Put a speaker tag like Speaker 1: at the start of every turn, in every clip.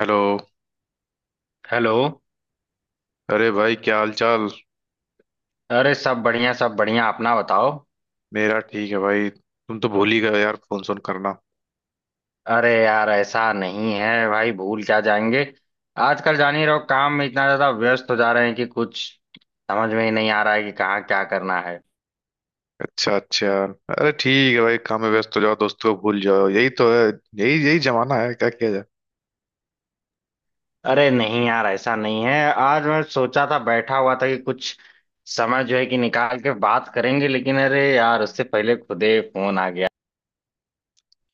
Speaker 1: Hello.
Speaker 2: Hello.
Speaker 1: अरे भाई, क्या हाल चाल।
Speaker 2: अरे सब बढ़िया सब बढ़िया, अपना बताओ।
Speaker 1: मेरा ठीक है भाई, तुम तो भूल ही गए यार, फोन सोन करना।
Speaker 2: अरे यार ऐसा नहीं है भाई, भूल क्या जाएंगे। आजकल जान ही रहो, काम में इतना ज्यादा व्यस्त हो जा रहे हैं कि कुछ समझ में ही नहीं आ रहा है कि कहाँ क्या करना है।
Speaker 1: अच्छा अच्छा। अरे ठीक है भाई, काम में व्यस्त हो जाओ, दोस्तों को भूल जाओ, यही तो है। यही यही जमाना है, क्या किया जाए।
Speaker 2: अरे नहीं यार, ऐसा नहीं है। आज मैं सोचा था बैठा हुआ था कि कुछ समय जो है कि निकाल के बात करेंगे, लेकिन अरे यार उससे पहले खुदे फोन आ गया।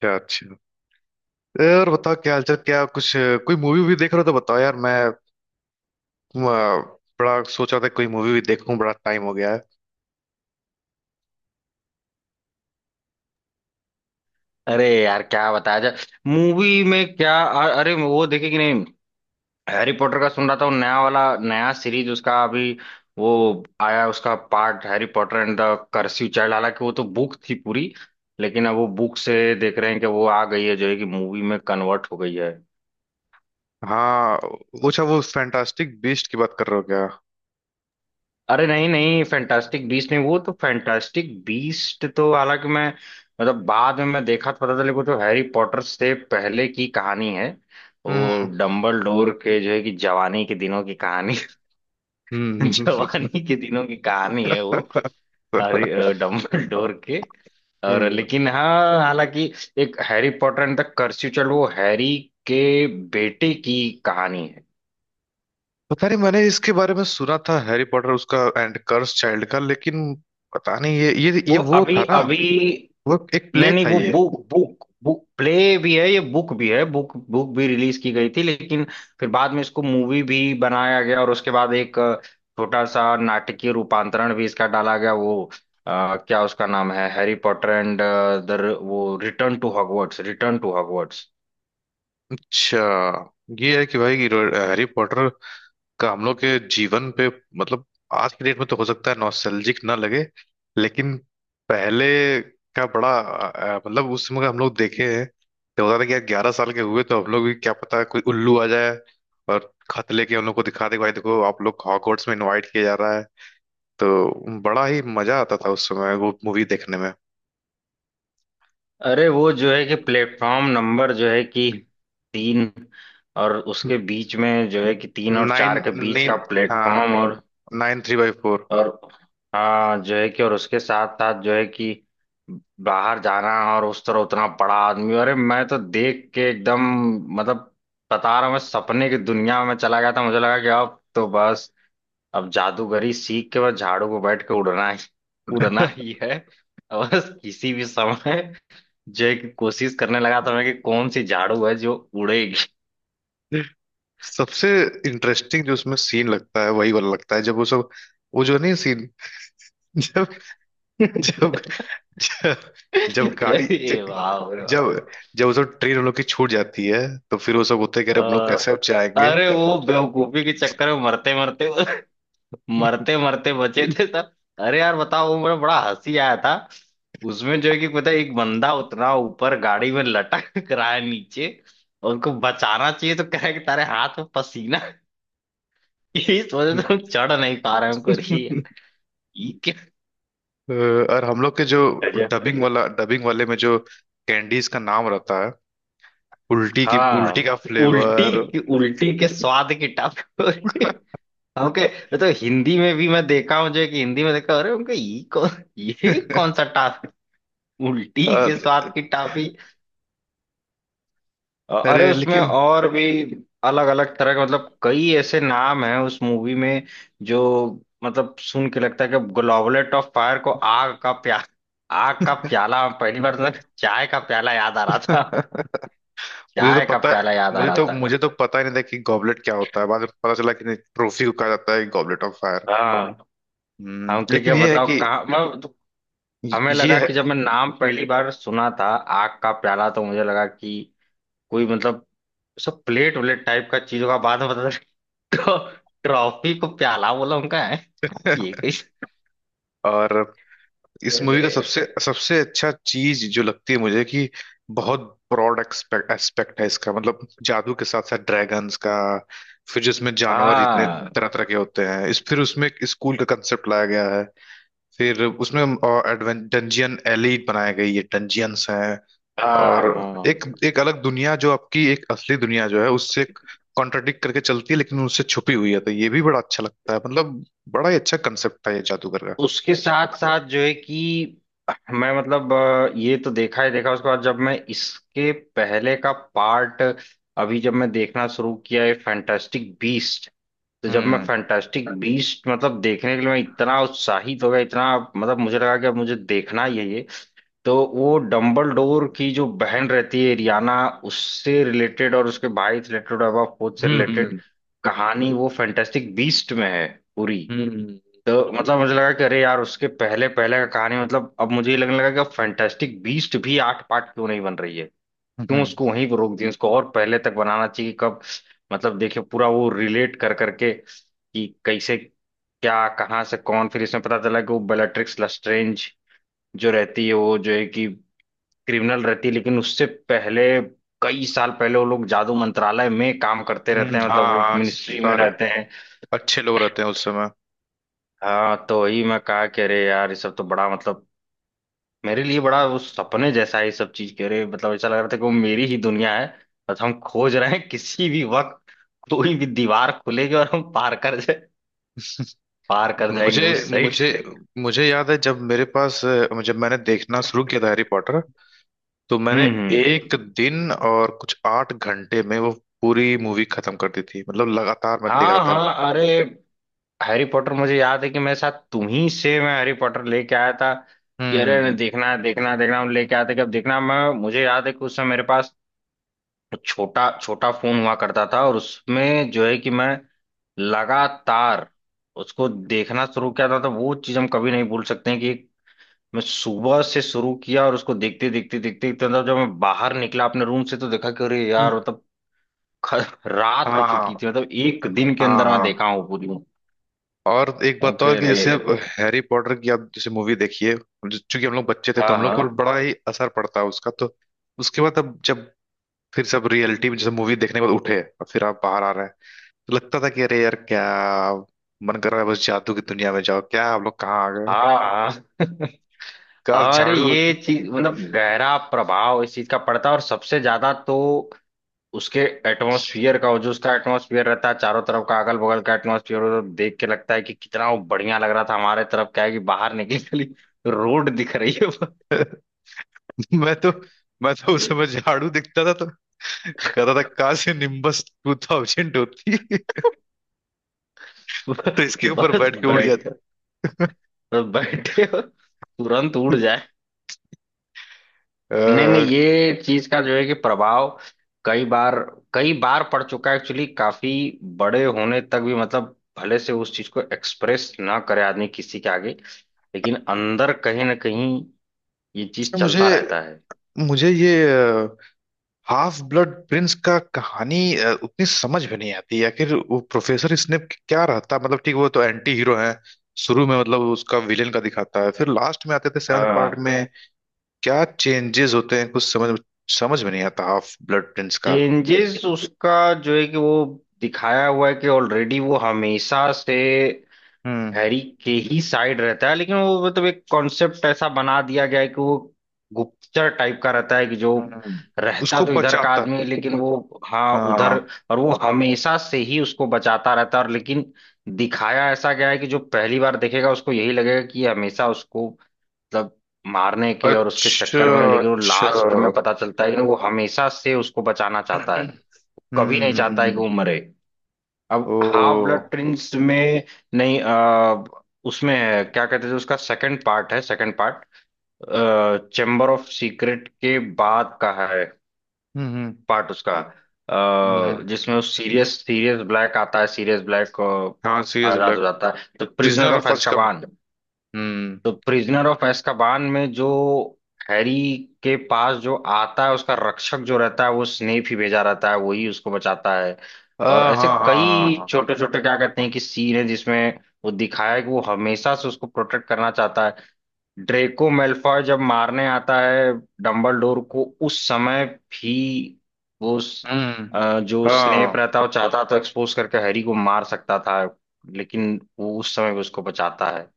Speaker 1: क्या? अच्छा। और बताओ, क्या हाल चाल, क्या कुछ कोई मूवी वूवी देख रहे हो तो बताओ यार। मैं बड़ा सोच रहा था कोई मूवी भी देखूं, बड़ा टाइम हो गया है।
Speaker 2: अरे यार क्या बताया जाए। मूवी में क्या, अरे वो देखे कि नहीं? हैरी पॉटर का सुन रहा था, वो नया वाला नया सीरीज उसका अभी वो आया उसका part, Harry Potter and the cursed child. हालांकि वो तो बुक थी पूरी, लेकिन अब वो बुक से देख रहे हैं कि वो आ गई है जो है कि मूवी में कन्वर्ट हो गई है।
Speaker 1: हाँ। अच्छा, वो फैंटास्टिक बीस्ट की बात कर रहे हो क्या?
Speaker 2: अरे नहीं नहीं, फैंटास्टिक बीस्ट नहीं, वो तो फैंटास्टिक बीस्ट तो हालांकि मैं मतलब बाद में मैं देखा तो पता चले वो तो हैरी पॉटर से पहले की कहानी है। वो
Speaker 1: हम्म,
Speaker 2: डम्बल डोर के जो है कि जवानी के दिनों की कहानी।
Speaker 1: हम्म, हम्म, हम्म।
Speaker 2: जवानी के दिनों की कहानी है वो डम्बलडोर के। और
Speaker 1: हम्म।
Speaker 2: लेकिन हाँ हालांकि एक Harry Potter and the cursed child वो हैरी के बेटे की कहानी है।
Speaker 1: पता नहीं, मैंने इसके बारे में सुना था हैरी पॉटर उसका एंड कर्स चाइल्ड का, लेकिन पता नहीं, ये ये
Speaker 2: वो
Speaker 1: ये वो था
Speaker 2: अभी
Speaker 1: ना,
Speaker 2: अभी
Speaker 1: वो एक
Speaker 2: नहीं
Speaker 1: प्ले
Speaker 2: नहीं,
Speaker 1: था
Speaker 2: वो
Speaker 1: ये।
Speaker 2: बुक बुक बुक प्ले भी है, ये बुक भी है, बुक बुक भी रिलीज की गई थी, लेकिन फिर बाद में इसको मूवी भी बनाया गया। और उसके बाद एक छोटा सा नाटकीय रूपांतरण भी इसका डाला गया, वो क्या उसका नाम है, हैरी पॉटर एंड द वो return to Hogwarts, return to Hogwarts.
Speaker 1: अच्छा। ये है कि भाई कि हैरी पॉटर का हम लोग के जीवन पे मतलब आज की डेट में तो हो सकता है नॉस्टैल्जिक ना लगे, लेकिन पहले का बड़ा मतलब उस समय का हम लोग देखे हैं तो होता था कि यार 11 साल के हुए तो हम लोग भी क्या पता कोई उल्लू आ जाए और खत लेके हम लोग को दिखा दे, भाई देखो आप लोग हॉगवर्ट्स में इनवाइट किया जा रहा है। तो बड़ा ही मजा आता था उस समय वो मूवी देखने में।
Speaker 2: अरे वो जो है कि प्लेटफॉर्म नंबर जो है कि तीन, और उसके बीच में जो है कि तीन और
Speaker 1: नाइन
Speaker 2: चार के बीच
Speaker 1: नाइन
Speaker 2: का प्लेटफॉर्म।
Speaker 1: हाँ।
Speaker 2: और
Speaker 1: 9 3/4।
Speaker 2: और हाँ जो है कि, और उसके साथ साथ जो है कि बाहर जाना, और उस तरह उतना बड़ा आदमी। अरे मैं तो देख के एकदम मतलब बता रहा हूँ, मैं सपने की दुनिया में चला गया था। मुझे लगा कि अब तो बस अब जादूगरी सीख के बस झाड़ू को बैठ के उड़ना ही है। और बस किसी भी समय जो है कि कोशिश करने लगा था मैं कि कौन सी झाड़ू है जो उड़ेगी।
Speaker 1: सबसे इंटरेस्टिंग जो उसमें सीन लगता है वही वाला लगता है जब वो सब, वो जो नहीं सीन। जब जब जब,
Speaker 2: अरे
Speaker 1: जब
Speaker 2: वाह।
Speaker 1: जब जब वो सब ट्रेन उन लोग की छूट जाती है तो फिर वो सब होते कह
Speaker 2: अ,
Speaker 1: रहे, हम लोग कैसे अब जाएंगे।
Speaker 2: अरे वो बेवकूफी के चक्कर में मरते मरते बचे थे सब। अरे यार बताओ, वो मेरा बड़ा हंसी आया था उसमें जो है कि, पता है, एक बंदा उतना ऊपर गाड़ी में लटक रहा है नीचे, और उनको बचाना चाहिए तो कह रहा है कि तारे हाथ में पसीना है, इस वजह से हम चढ़ नहीं पा रहे हैं हमको। अरे यार, ये क्या
Speaker 1: अ, और हम लोग के जो
Speaker 2: गजब।
Speaker 1: डबिंग वाले में जो कैंडीज का नाम रहता है, उल्टी
Speaker 2: हाँ,
Speaker 1: का
Speaker 2: उल्टी
Speaker 1: फ्लेवर।
Speaker 2: की उल्टी के स्वाद की टप। हाँ, ओके। मैं तो हिंदी में भी मैं देखा हूँ, जो कि हिंदी में देखा, अरे उनका ये कौन, ये कौन सा टाफी, उल्टी के साथ की टाफी। अरे
Speaker 1: अरे
Speaker 2: उसमें
Speaker 1: लेकिन
Speaker 2: और भी अलग अलग तरह के मतलब कई ऐसे नाम हैं उस मूवी में। जो मतलब सुन के लगता है कि ग्लोबलेट ऑफ फायर को आग का प्याला, पहली बार तक चाय का प्याला याद आ रहा था,
Speaker 1: मुझे तो
Speaker 2: चाय का
Speaker 1: पता,
Speaker 2: प्याला याद आ
Speaker 1: मुझे
Speaker 2: रहा
Speaker 1: तो
Speaker 2: था।
Speaker 1: मुझे तो पता ही नहीं था कि गॉबलेट क्या होता है, बाद में पता चला कि नहीं, ट्रॉफी को कहा जाता है गॉबलेट ऑफ फायर।
Speaker 2: हाँ।
Speaker 1: हम्म।
Speaker 2: हम के
Speaker 1: लेकिन
Speaker 2: क्या
Speaker 1: ये है
Speaker 2: बताओ
Speaker 1: कि
Speaker 2: कहाँ मैं, हमें
Speaker 1: ये
Speaker 2: लगा
Speaker 1: है।
Speaker 2: कि जब मैं नाम पहली बार सुना था आग का प्याला, तो मुझे लगा कि कोई मतलब सब प्लेट व्लेट टाइप का चीजों का, बाद में पता चला ट्रॉफी को प्याला बोला उनका है। ये कैसे।
Speaker 1: और इस मूवी
Speaker 2: अरे
Speaker 1: का सबसे सबसे अच्छा चीज जो लगती है मुझे कि बहुत ब्रॉड एक्सपेक्ट एस्पेक्ट है, इसका मतलब जादू के साथ साथ ड्रैगन्स का, फिर जिसमें जानवर जितने
Speaker 2: हाँ
Speaker 1: तरह तरह के होते हैं इस, फिर उसमें एक स्कूल का कंसेप्ट लाया गया है, फिर उसमें डंजियन एलीट बनाई गई है, डंजियंस हैं।
Speaker 2: हाँ
Speaker 1: और
Speaker 2: हाँ।
Speaker 1: एक एक अलग दुनिया जो आपकी एक असली दुनिया जो है उससे कॉन्ट्रडिक्ट करके चलती है लेकिन उससे छुपी हुई है, तो ये भी बड़ा अच्छा लगता है, मतलब बड़ा ही अच्छा कंसेप्ट था ये जादूगर का।
Speaker 2: उसके साथ साथ जो है कि मैं मतलब ये तो देखा ही देखा, उसके बाद जब मैं इसके पहले का पार्ट अभी जब मैं देखना शुरू किया है फैंटास्टिक बीस्ट, तो जब मैं
Speaker 1: हम्म,
Speaker 2: फैंटास्टिक बीस्ट मतलब देखने के लिए मैं इतना उत्साहित हो गया, इतना मतलब मुझे लगा कि अब मुझे देखना ही है ये। तो वो डंबलडोर की जो बहन रहती है रियाना, उससे रिलेटेड और उसके भाई से रिलेटेड और एबा फोर्थ से
Speaker 1: हम्म,
Speaker 2: रिलेटेड
Speaker 1: हम्म,
Speaker 2: कहानी वो फैंटास्टिक बीस्ट में है पूरी।
Speaker 1: हम्म,
Speaker 2: तो मतलब मुझे लगा कि अरे यार उसके पहले पहले का कहानी, मतलब अब मुझे ये लगने लगा कि अब फैंटास्टिक बीस्ट भी आठ पार्ट क्यों नहीं बन रही है। क्यों
Speaker 1: हम्म,
Speaker 2: उसको वहीं पर रोक दिया, उसको और पहले तक बनाना चाहिए कि कब मतलब देखिए पूरा वो रिलेट कर करके कि कैसे क्या कहाँ से कौन। फिर इसमें पता चला कि वो बेलाट्रिक्स लस्ट्रेंज जो रहती है वो जो है कि क्रिमिनल रहती है, लेकिन उससे पहले कई साल पहले वो लोग जादू मंत्रालय में काम करते रहते हैं,
Speaker 1: हाँ
Speaker 2: मतलब वो
Speaker 1: हाँ,
Speaker 2: मिनिस्ट्री में
Speaker 1: सारे
Speaker 2: रहते हैं।
Speaker 1: अच्छे लोग रहते हैं उस समय।
Speaker 2: हाँ तो वही मैं कहा कि अरे यार ये सब तो बड़ा मतलब मेरे लिए बड़ा वो सपने जैसा है। ये सब चीज के अरे मतलब ऐसा लग रहा था कि वो मेरी ही दुनिया है। बस हम खोज रहे हैं किसी भी वक्त कोई भी दीवार खुलेगी और हम पार कर जाएंगे
Speaker 1: मुझे
Speaker 2: उस साइड।
Speaker 1: मुझे मुझे याद है जब मेरे पास जब मैंने देखना शुरू किया था हैरी पॉटर, तो मैंने
Speaker 2: हम्म।
Speaker 1: एक दिन और कुछ 8 घंटे में वो पूरी मूवी खत्म कर दी थी, मतलब लगातार मैं देख रहा
Speaker 2: हाँ
Speaker 1: था।
Speaker 2: हाँ। अरे हैरी पॉटर मुझे याद है कि मेरे साथ तुम ही से मैं हैरी पॉटर लेके आया था, कि
Speaker 1: हम्म,
Speaker 2: अरे देखना है देखना है देखना है, हम लेके आते कि अब देखना। मैं मुझे याद है कि उस समय मेरे पास छोटा छोटा फोन हुआ करता था, और उसमें जो है कि मैं लगातार उसको देखना शुरू किया था। तो वो चीज हम कभी नहीं भूल सकते हैं कि मैं सुबह से शुरू किया और उसको देखते देखते देखते देखते मतलब जब मैं बाहर निकला अपने रूम से तो देखा कि अरे
Speaker 1: हम्म,
Speaker 2: यार मतलब रात हो
Speaker 1: हाँ
Speaker 2: चुकी थी, मतलब एक दिन के
Speaker 1: हाँ
Speaker 2: अंदर मैं
Speaker 1: हाँ।
Speaker 2: देखा हूँ पूरी।
Speaker 1: और एक बात और
Speaker 2: ओके
Speaker 1: कि
Speaker 2: रे।
Speaker 1: जैसे हैरी पॉटर की आप जैसे मूवी देखिए चूंकि हम लोग बच्चे थे तो
Speaker 2: हाँ
Speaker 1: हम लोग
Speaker 2: हाँ
Speaker 1: को बड़ा ही असर पड़ता है उसका, तो उसके बाद अब जब फिर सब रियलिटी में जैसे मूवी देखने के बाद उठे और फिर आप बाहर आ रहे हैं तो लगता था कि अरे यार, क्या मन कर रहा है, बस जादू की दुनिया में जाओ, क्या हम लोग कहाँ आ गए,
Speaker 2: हाँ हाँ।
Speaker 1: क्या
Speaker 2: हाँ, अरे
Speaker 1: झाड़ू
Speaker 2: ये
Speaker 1: होती।
Speaker 2: चीज मतलब गहरा प्रभाव इस चीज का पड़ता है, और सबसे ज्यादा तो उसके एटमॉस्फियर का, वो जो उसका एटमॉस्फियर रहता है चारों तरफ का अगल बगल का एटमॉस्फियर, वो देख के लगता है कि कितना वो बढ़िया लग रहा था। हमारे तरफ क्या है कि बाहर निकली खाली रोड दिख रही है।
Speaker 1: मैं तो मैं तो उस समय झाड़ू दिखता था तो कहता था कहाँ से Nimbus 2000 होती है? तो इसके ऊपर
Speaker 2: बस
Speaker 1: बैठ के उड़
Speaker 2: बैठ
Speaker 1: जाता।
Speaker 2: बस बैठे और तुरंत उड़ जाए। नहीं नहीं,
Speaker 1: अच्छा।
Speaker 2: ये चीज का जो है कि प्रभाव कई बार कई बार पड़ चुका है एक्चुअली, काफी बड़े होने तक भी। मतलब भले से उस चीज को एक्सप्रेस ना करे आदमी किसी के आगे, लेकिन अंदर कहीं ना कहीं ये चीज
Speaker 1: मुझे
Speaker 2: चलता रहता है।
Speaker 1: मुझे ये हाफ ब्लड प्रिंस का कहानी उतनी समझ में नहीं आती, आखिर वो प्रोफेसर स्नेप क्या रहता, मतलब ठीक वो तो एंटी हीरो है, शुरू में मतलब उसका विलेन का दिखाता है, फिर लास्ट में आते थे 7th पार्ट
Speaker 2: हाँ
Speaker 1: में क्या चेंजेस होते हैं, कुछ समझ समझ में नहीं आता हाफ ब्लड प्रिंस का।
Speaker 2: चेंजेस उसका जो है कि वो दिखाया हुआ है कि ऑलरेडी वो हमेशा से
Speaker 1: हम्म।
Speaker 2: हैरी के ही साइड रहता है। लेकिन वो मतलब एक कॉन्सेप्ट ऐसा बना दिया गया है कि वो गुप्तचर टाइप का रहता है, कि जो
Speaker 1: हम्म।
Speaker 2: रहता
Speaker 1: उसको
Speaker 2: तो इधर का
Speaker 1: बचाता।
Speaker 2: आदमी है लेकिन वो हाँ उधर।
Speaker 1: हाँ।
Speaker 2: और वो हमेशा से ही उसको बचाता रहता है, और लेकिन दिखाया ऐसा गया है कि जो पहली बार देखेगा उसको यही लगेगा कि ये हमेशा उसको मतलब मारने के और उसके
Speaker 1: अच्छा।
Speaker 2: चक्कर में, लेकिन वो लास्ट में
Speaker 1: अच्छा।
Speaker 2: पता चलता है कि वो हमेशा से उसको बचाना चाहता है, कभी नहीं चाहता है कि
Speaker 1: हम्म।
Speaker 2: वो मरे। अब हाफ
Speaker 1: ओ।
Speaker 2: ब्लड प्रिंस में नहीं उसमें है, क्या कहते थे उसका सेकंड पार्ट है, second part chamber of secret के बाद का है
Speaker 1: हम्म।
Speaker 2: पार्ट उसका।
Speaker 1: हम्म।
Speaker 2: जिसमें वो सीरियस सीरियस ब्लैक आता है, सीरियस ब्लैक
Speaker 1: हाँ सीरियस
Speaker 2: आजाद हो
Speaker 1: ब्लैक।
Speaker 2: जाता है, तो प्रिजनर
Speaker 1: प्रिजनर
Speaker 2: ऑफ
Speaker 1: ऑफ अजकम।
Speaker 2: एस्काबान।
Speaker 1: हम्म।
Speaker 2: तो प्रिजनर ऑफ एस्काबान में जो हैरी के पास जो आता है, उसका रक्षक जो रहता है वो स्नेप ही भेजा रहता है, वही उसको बचाता है। और
Speaker 1: हाँ
Speaker 2: ऐसे
Speaker 1: हाँ हाँ हाँ
Speaker 2: कई
Speaker 1: हाँ।
Speaker 2: छोटे छोटे क्या कहते हैं कि सीन है जिसमें वो दिखाया है कि वो हमेशा से उसको प्रोटेक्ट करना चाहता है। ड्रेको मेल्फॉय जब मारने आता है डंबलडोर को उस समय भी, वो
Speaker 1: हम्म।
Speaker 2: जो स्नेप
Speaker 1: हाँ,
Speaker 2: रहता है वो चाहता तो एक्सपोज करके हैरी को मार सकता था, लेकिन वो उस समय भी उसको बचाता है।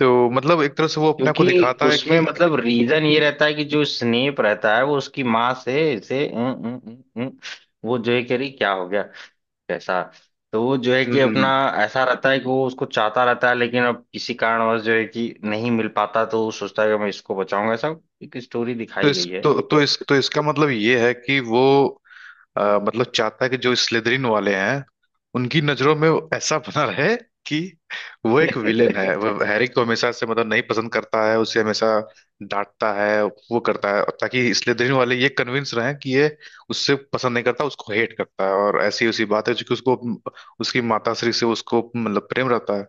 Speaker 1: तो मतलब एक तरह से वो अपने को
Speaker 2: क्योंकि
Speaker 1: दिखाता है
Speaker 2: उसमें
Speaker 1: कि।
Speaker 2: मतलब रीजन ये रहता है कि जो स्नेप रहता है वो उसकी माँ से इसे उं, उं, उं, उं, वो जो है कि अरे क्या हो गया कैसा, तो वो जो है कि अपना
Speaker 1: हम्म।
Speaker 2: ऐसा रहता है कि वो उसको चाहता रहता है, लेकिन अब किसी कारणवश जो है कि नहीं मिल पाता, तो वो सोचता है कि मैं इसको बचाऊंगा, ऐसा एक स्टोरी दिखाई गई है।
Speaker 1: तो इस तो इसका मतलब ये है कि वो मतलब चाहता है कि जो स्लिदरिन वाले हैं उनकी नजरों में वो ऐसा बना रहे कि वो एक विलेन है, वो हैरी को हमेशा से मतलब नहीं पसंद करता है, उसे हमेशा डांटता है, वो करता है ताकि स्लिदरिन वाले ये कन्विंस रहें कि ये उससे पसंद नहीं करता, उसको हेट करता है। और ऐसी उसी बात है, क्योंकि उसको उसकी माता श्री से उसको मतलब प्रेम रहता है,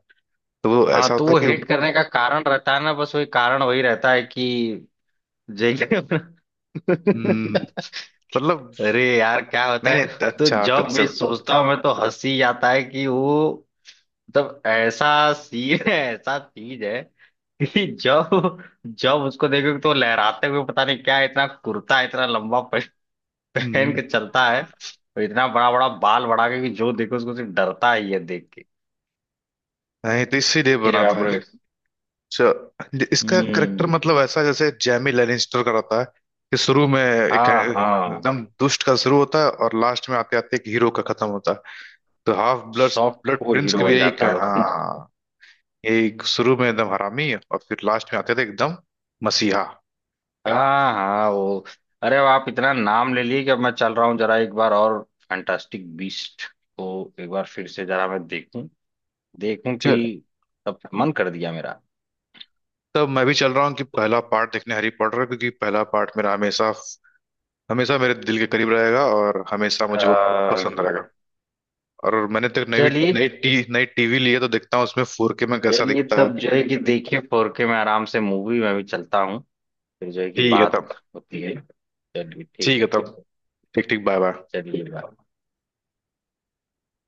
Speaker 1: तो वो
Speaker 2: हाँ
Speaker 1: ऐसा
Speaker 2: तो
Speaker 1: होता है
Speaker 2: वो हेट
Speaker 1: कि।
Speaker 2: करने का कारण रहता है ना, बस वही कारण वही रहता है कि जो है कि अपना।
Speaker 1: हम्म। मतलब।
Speaker 2: अरे यार क्या होता
Speaker 1: नहीं
Speaker 2: है,
Speaker 1: नहीं,
Speaker 2: तो
Speaker 1: अच्छा
Speaker 2: जब भी
Speaker 1: कंसेप्ट।
Speaker 2: सोचता हूँ मैं तो हंसी आता है कि वो मतलब ऐसा सीन है, ऐसा चीज है कि जब जब उसको देखो तो लहराते हुए पता नहीं क्या इतना कुर्ता इतना लंबा पहन के चलता है, और इतना बड़ा बड़ा बाल बढ़ा के कि जो देखो उसको सिर्फ डरता ही है देख के
Speaker 1: नहीं तो इसीलिए
Speaker 2: कि रे
Speaker 1: बना
Speaker 2: बाप
Speaker 1: था।
Speaker 2: रे।
Speaker 1: अच्छा, इसका करेक्टर
Speaker 2: हम्म।
Speaker 1: मतलब ऐसा जैसे जैमी लेनिस्टर का रहता है, कि शुरू में एक
Speaker 2: हाँ हाँ।
Speaker 1: एकदम दुष्ट का शुरू होता है और लास्ट में आते आते एक हीरो का खत्म होता है। तो half blood
Speaker 2: soft
Speaker 1: blood
Speaker 2: core
Speaker 1: prince की
Speaker 2: हीरो
Speaker 1: भी
Speaker 2: बन
Speaker 1: यही
Speaker 2: जाता
Speaker 1: का-,
Speaker 2: है वो।
Speaker 1: हाँ, यही शुरू में एकदम हरामी और फिर लास्ट में आते थे एकदम मसीहा।
Speaker 2: हाँ हाँ वो, अरे अब आप इतना नाम ले लिए कि अब मैं चल रहा हूँ जरा एक बार और फैंटास्टिक बीस्ट को एक बार फिर से जरा मैं देखूं देखूं, कि
Speaker 1: चल।
Speaker 2: तब मन कर दिया मेरा।
Speaker 1: तब मैं भी चल रहा हूँ कि पहला पार्ट देखने हैरी पॉटर का, क्योंकि पहला पार्ट मेरा हमेशा हमेशा मेरे दिल के करीब रहेगा और हमेशा मुझे वो
Speaker 2: हाँ,
Speaker 1: पसंद रहेगा। और मैंने तो एक नई
Speaker 2: चलिए।
Speaker 1: नई टी नई टीवी ली है, तो देखता हूँ उसमें 4K में कैसा
Speaker 2: चलिए
Speaker 1: दिखता है।
Speaker 2: तब जो है कि देखिए 4K में आराम से मूवी में भी चलता हूँ, फिर जो है कि
Speaker 1: ठीक है
Speaker 2: बात
Speaker 1: तब।
Speaker 2: होती है। चलिए ठीक
Speaker 1: ठीक है तब।
Speaker 2: ठीक।
Speaker 1: ठीक ठीक। Bye bye.
Speaker 2: चलिए बाय।